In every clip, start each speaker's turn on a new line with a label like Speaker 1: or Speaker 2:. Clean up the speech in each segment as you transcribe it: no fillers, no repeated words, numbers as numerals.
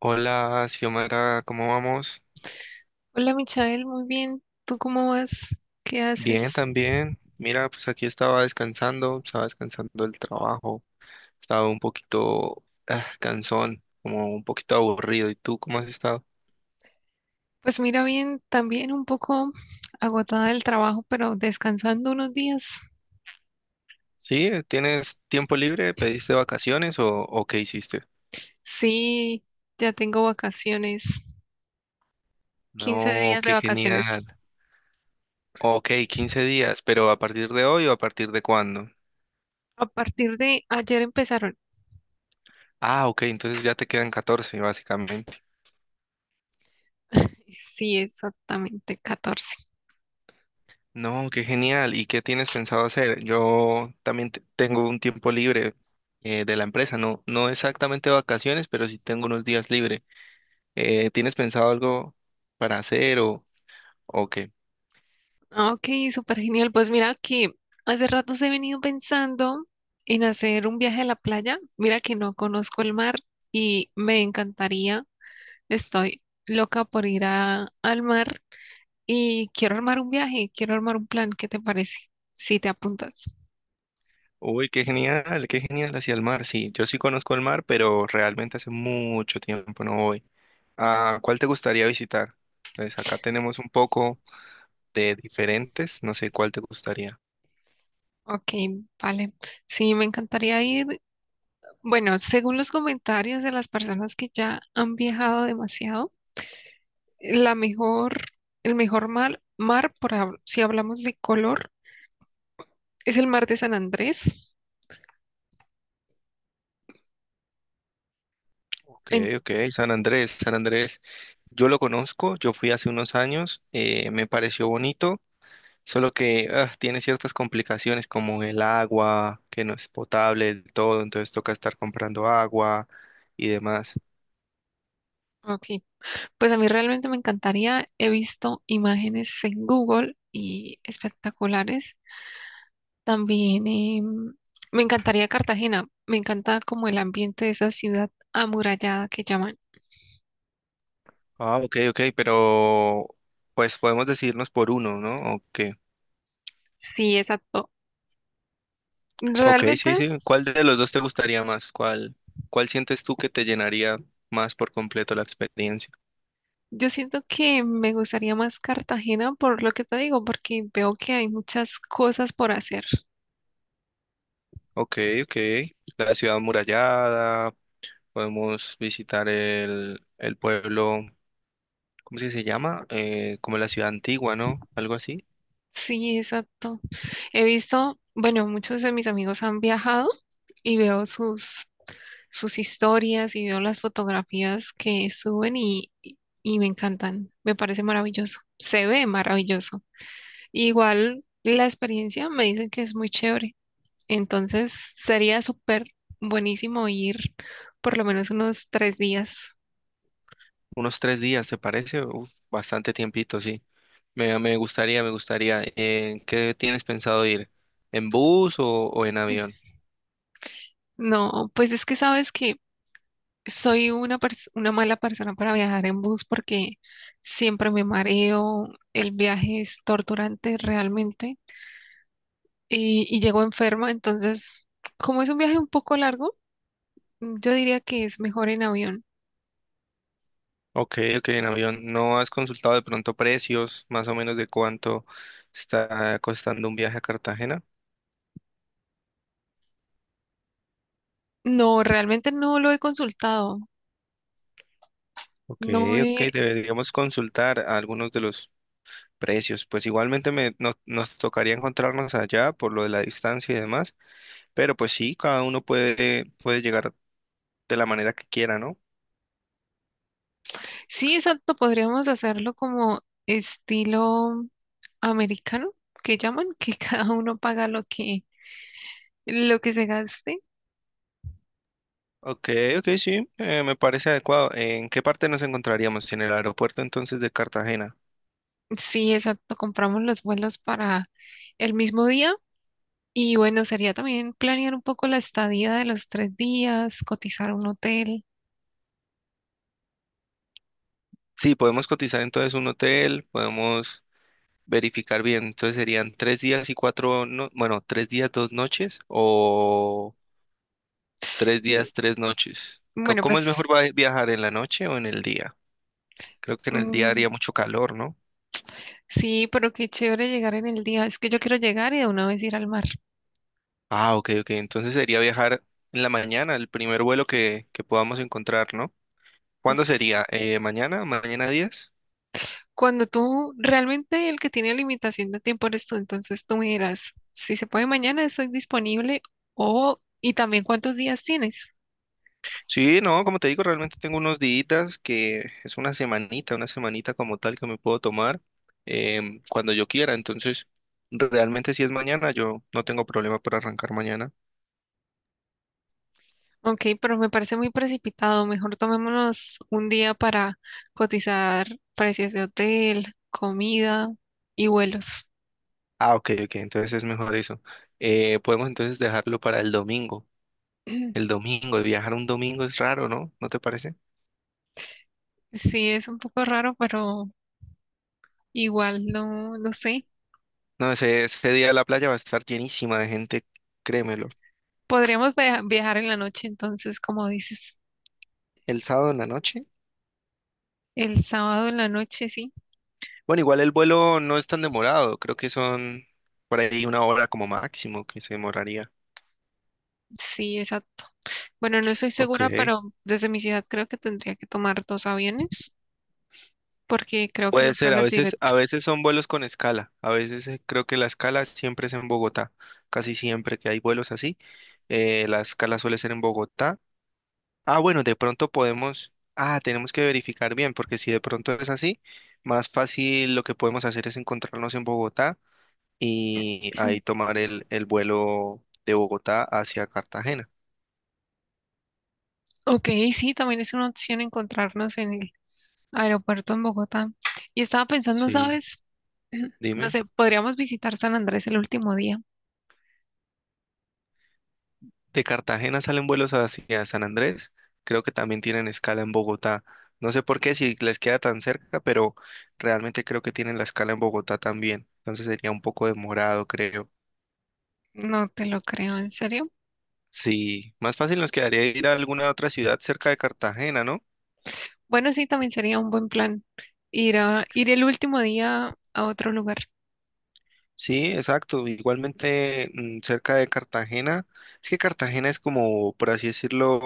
Speaker 1: Hola, Xiomara, ¿cómo vamos?
Speaker 2: Hola Michael, muy bien. ¿Tú cómo vas? ¿Qué
Speaker 1: Bien,
Speaker 2: haces?
Speaker 1: también. Mira, pues aquí estaba descansando del trabajo, estaba un poquito cansón, como un poquito aburrido. ¿Y tú cómo has estado?
Speaker 2: Pues mira, bien, también un poco agotada del trabajo, pero descansando unos días.
Speaker 1: Sí, ¿tienes tiempo libre? ¿Pediste vacaciones o qué hiciste?
Speaker 2: Sí, ya tengo vacaciones, 15
Speaker 1: No,
Speaker 2: días de
Speaker 1: qué
Speaker 2: vacaciones.
Speaker 1: genial. Ok, 15 días, pero ¿a partir de hoy o a partir de cuándo?
Speaker 2: A partir de ayer empezaron.
Speaker 1: Ah, ok, entonces ya te quedan 14, básicamente.
Speaker 2: Sí, exactamente, 14.
Speaker 1: No, qué genial. ¿Y qué tienes pensado hacer? Yo también tengo un tiempo libre de la empresa, no, no exactamente vacaciones, pero sí tengo unos días libre. ¿Tienes pensado algo para hacer o qué?
Speaker 2: Ah, ok, súper genial. Pues mira que hace rato he venido pensando en hacer un viaje a la playa. Mira que no conozco el mar y me encantaría. Estoy loca por ir al mar y quiero armar un viaje, quiero armar un plan. ¿Qué te parece? Si te apuntas.
Speaker 1: Uy, qué genial hacia el mar. Sí, yo sí conozco el mar, pero realmente hace mucho tiempo no voy. ¿A cuál te gustaría visitar? Pues acá tenemos un poco de diferentes, no sé cuál te gustaría.
Speaker 2: Ok, vale. Sí, me encantaría ir. Bueno, según los comentarios de las personas que ya han viajado demasiado, la mejor, el mejor mar, mar por, si hablamos de color, es el mar de San Andrés.
Speaker 1: Ok,
Speaker 2: En-
Speaker 1: ok, San Andrés, San Andrés. Yo lo conozco, yo fui hace unos años, me pareció bonito, solo que tiene ciertas complicaciones como el agua, que no es potable del todo, entonces toca estar comprando agua y demás.
Speaker 2: ok, pues a mí realmente me encantaría. He visto imágenes en Google y espectaculares. También me encantaría Cartagena. Me encanta como el ambiente de esa ciudad amurallada que llaman.
Speaker 1: Ah, ok, ok, pero pues podemos decidirnos por uno, ¿no? Ok,
Speaker 2: Sí, exacto.
Speaker 1: ok,
Speaker 2: Realmente
Speaker 1: sí, sí. ¿Cuál de los dos te gustaría más? ¿Cuál sientes tú que te llenaría más por completo la experiencia?
Speaker 2: yo siento que me gustaría más Cartagena por lo que te digo, porque veo que hay muchas cosas por hacer.
Speaker 1: Ok, ok. La ciudad amurallada. Podemos visitar el pueblo, ¿cómo es que se llama? Como la ciudad antigua, ¿no? Algo así.
Speaker 2: Sí, exacto. He visto, bueno, muchos de mis amigos han viajado y veo sus historias y veo las fotografías que suben y me encantan. Me parece maravilloso. Se ve maravilloso. Igual la experiencia me dicen que es muy chévere, entonces sería súper buenísimo ir por lo menos unos 3 días.
Speaker 1: Unos tres días, ¿te parece? Uf, bastante tiempito, sí. Me gustaría, me gustaría. ¿Qué tienes pensado ir? ¿En bus o en avión?
Speaker 2: No, pues es que sabes que soy una mala persona para viajar en bus porque siempre me mareo, el viaje es torturante realmente y llego enferma, entonces como es un viaje un poco largo, yo diría que es mejor en avión.
Speaker 1: Ok, ok, en avión. ¿No has consultado de pronto precios, más o menos de cuánto está costando un viaje a Cartagena?
Speaker 2: No, realmente no lo he consultado.
Speaker 1: Ok,
Speaker 2: No
Speaker 1: ok,
Speaker 2: he,
Speaker 1: deberíamos consultar a algunos de los precios. Pues igualmente me, no- nos tocaría encontrarnos allá por lo de la distancia y demás, pero pues sí, cada uno puede, puede llegar de la manera que quiera, ¿no?
Speaker 2: sí, exacto, podríamos hacerlo como estilo americano, que llaman, que cada uno paga lo que se gaste.
Speaker 1: Ok, ok, sí, me parece adecuado. ¿En qué parte nos encontraríamos? ¿En el aeropuerto entonces de Cartagena?
Speaker 2: Sí, exacto, compramos los vuelos para el mismo día y bueno, sería también planear un poco la estadía de los 3 días, cotizar un hotel.
Speaker 1: Sí, podemos cotizar entonces un hotel, podemos verificar bien. Entonces serían 3 días y cuatro, no, bueno, tres días, dos noches o tres
Speaker 2: Sí,
Speaker 1: días, tres noches.
Speaker 2: bueno,
Speaker 1: ¿Cómo es
Speaker 2: pues
Speaker 1: mejor viajar en la noche o en el día? Creo que en el día
Speaker 2: mm,
Speaker 1: haría mucho calor, ¿no?
Speaker 2: sí, pero qué chévere llegar en el día. Es que yo quiero llegar y de una vez ir al mar.
Speaker 1: Ah, ok, ok. Entonces sería viajar en la mañana, el primer vuelo que podamos encontrar, ¿no? ¿Cuándo sería? ¿Mañana? ¿Mañana 10?
Speaker 2: Cuando tú realmente el que tiene limitación de tiempo eres tú, entonces tú me dirás, si se puede mañana, estoy disponible o y también cuántos días tienes.
Speaker 1: Sí, no, como te digo, realmente tengo unos días que es una semanita como tal que me puedo tomar cuando yo quiera. Entonces, realmente si es mañana, yo no tengo problema para arrancar mañana.
Speaker 2: Ok, pero me parece muy precipitado. Mejor tomémonos un día para cotizar precios de hotel, comida y vuelos.
Speaker 1: Ah, ok, ok. Entonces es mejor eso. Podemos entonces dejarlo para el domingo. El domingo, viajar un domingo es raro, ¿no? ¿No te parece?
Speaker 2: Sí, es un poco raro, pero igual no, no sé.
Speaker 1: No, ese día la playa va a estar llenísima de gente, créemelo.
Speaker 2: Podríamos viajar en la noche, entonces, como dices,
Speaker 1: El sábado en la noche.
Speaker 2: el sábado en la noche, sí.
Speaker 1: Bueno, igual el vuelo no es tan demorado, creo que son por ahí una hora como máximo que se demoraría.
Speaker 2: Sí, exacto. Bueno, no estoy
Speaker 1: Ok.
Speaker 2: segura, pero desde mi ciudad creo que tendría que tomar dos aviones porque creo que
Speaker 1: Puede
Speaker 2: no
Speaker 1: ser,
Speaker 2: sale directo.
Speaker 1: a veces son vuelos con escala, a veces creo que la escala siempre es en Bogotá, casi siempre que hay vuelos así, la escala suele ser en Bogotá. Ah, bueno, de pronto podemos, ah, tenemos que verificar bien, porque si de pronto es así, más fácil lo que podemos hacer es encontrarnos en Bogotá y ahí tomar el vuelo de Bogotá hacia Cartagena.
Speaker 2: Ok, sí, también es una opción encontrarnos en el aeropuerto en Bogotá. Y estaba pensando,
Speaker 1: Sí,
Speaker 2: ¿sabes? No
Speaker 1: dime.
Speaker 2: sé, podríamos visitar San Andrés el último día.
Speaker 1: De Cartagena salen vuelos hacia San Andrés. Creo que también tienen escala en Bogotá. No sé por qué si les queda tan cerca, pero realmente creo que tienen la escala en Bogotá también. Entonces sería un poco demorado, creo.
Speaker 2: No te lo creo, ¿en serio?
Speaker 1: Sí, más fácil nos quedaría ir a alguna otra ciudad cerca de Cartagena, ¿no?
Speaker 2: Bueno, sí, también sería un buen plan ir a ir el último día a otro lugar.
Speaker 1: Sí, exacto. Igualmente cerca de Cartagena. Es que Cartagena es como, por así decirlo,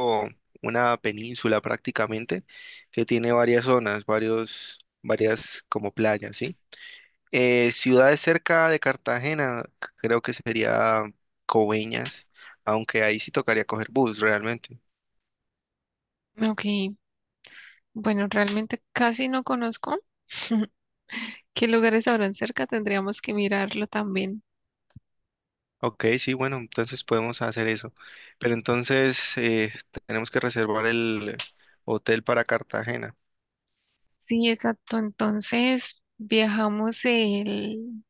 Speaker 1: una península prácticamente que tiene varias zonas, varias como playas, ¿sí? Ciudades cerca de Cartagena, creo que sería Coveñas, aunque ahí sí tocaría coger bus realmente.
Speaker 2: Ok, bueno, realmente casi no conozco qué lugares habrán cerca, tendríamos que mirarlo también.
Speaker 1: Ok, sí, bueno, entonces podemos hacer eso. Pero entonces tenemos que reservar el hotel para Cartagena.
Speaker 2: Sí, exacto. Entonces, viajamos el,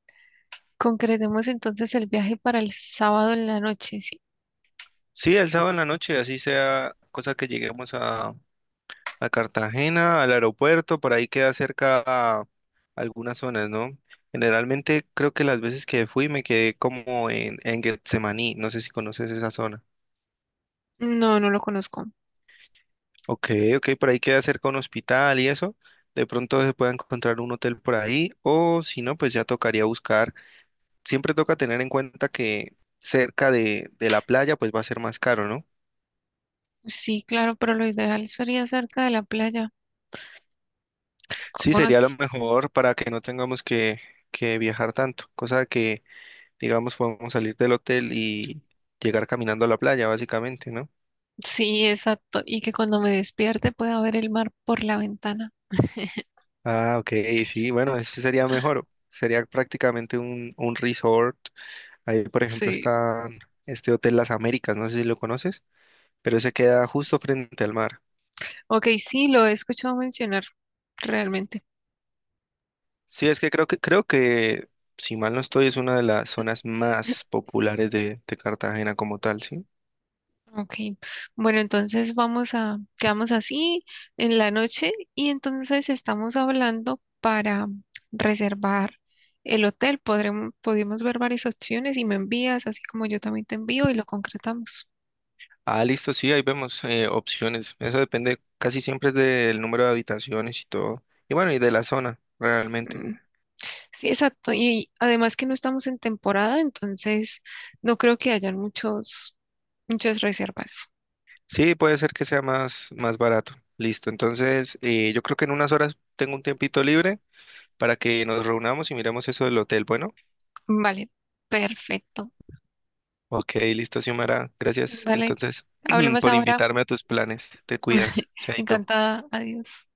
Speaker 2: concretemos entonces el viaje para el sábado en la noche, sí.
Speaker 1: Sí, el sábado en la noche, así sea, cosa que lleguemos a Cartagena, al aeropuerto, por ahí queda cerca a algunas zonas, ¿no? Generalmente creo que las veces que fui me quedé como en Getsemaní, no sé si conoces esa zona.
Speaker 2: No, no lo conozco.
Speaker 1: Ok, ok, por ahí queda cerca un hospital y eso. De pronto se puede encontrar un hotel por ahí, o si no, pues ya tocaría buscar. Siempre toca tener en cuenta que cerca de la playa, pues va a ser más caro, ¿no?
Speaker 2: Sí, claro, pero lo ideal sería cerca de la playa.
Speaker 1: Sí,
Speaker 2: ¿Cómo
Speaker 1: sería lo
Speaker 2: nos-
Speaker 1: mejor para que no tengamos que viajar tanto, cosa que, digamos, podemos salir del hotel y llegar caminando a la playa, básicamente, ¿no?
Speaker 2: Sí, exacto. Y que cuando me despierte pueda ver el mar por la ventana.
Speaker 1: Ah, ok, sí, bueno, eso sería mejor. Sería prácticamente un resort. Ahí, por ejemplo,
Speaker 2: Sí.
Speaker 1: está este Hotel Las Américas, no sé si lo conoces, pero se queda justo frente al mar.
Speaker 2: Ok, sí, lo he escuchado mencionar realmente.
Speaker 1: Sí, es que creo que, creo que, si mal no estoy, es una de las zonas más populares de Cartagena como tal, ¿sí?
Speaker 2: Ok, bueno, entonces vamos a, quedamos así en la noche y entonces estamos hablando para reservar el hotel. Podremos, podemos ver varias opciones y me envías, así como yo también te envío y lo concretamos.
Speaker 1: Ah, listo, sí, ahí vemos opciones. Eso depende casi siempre es del número de habitaciones y todo. Y bueno, y de la zona, realmente.
Speaker 2: Mm, sí, exacto. Y además que no estamos en temporada, entonces no creo que hayan muchos, muchas reservas.
Speaker 1: Sí, puede ser que sea más, más barato. Listo, entonces yo creo que en unas horas tengo un tiempito libre para que nos reunamos y miremos eso del hotel. Bueno,
Speaker 2: Vale, perfecto.
Speaker 1: ok, listo, Xiomara. Gracias
Speaker 2: Vale,
Speaker 1: entonces
Speaker 2: hablemos
Speaker 1: por
Speaker 2: ahora.
Speaker 1: invitarme a tus planes. Te cuidas, chaito.
Speaker 2: Encantada. Adiós.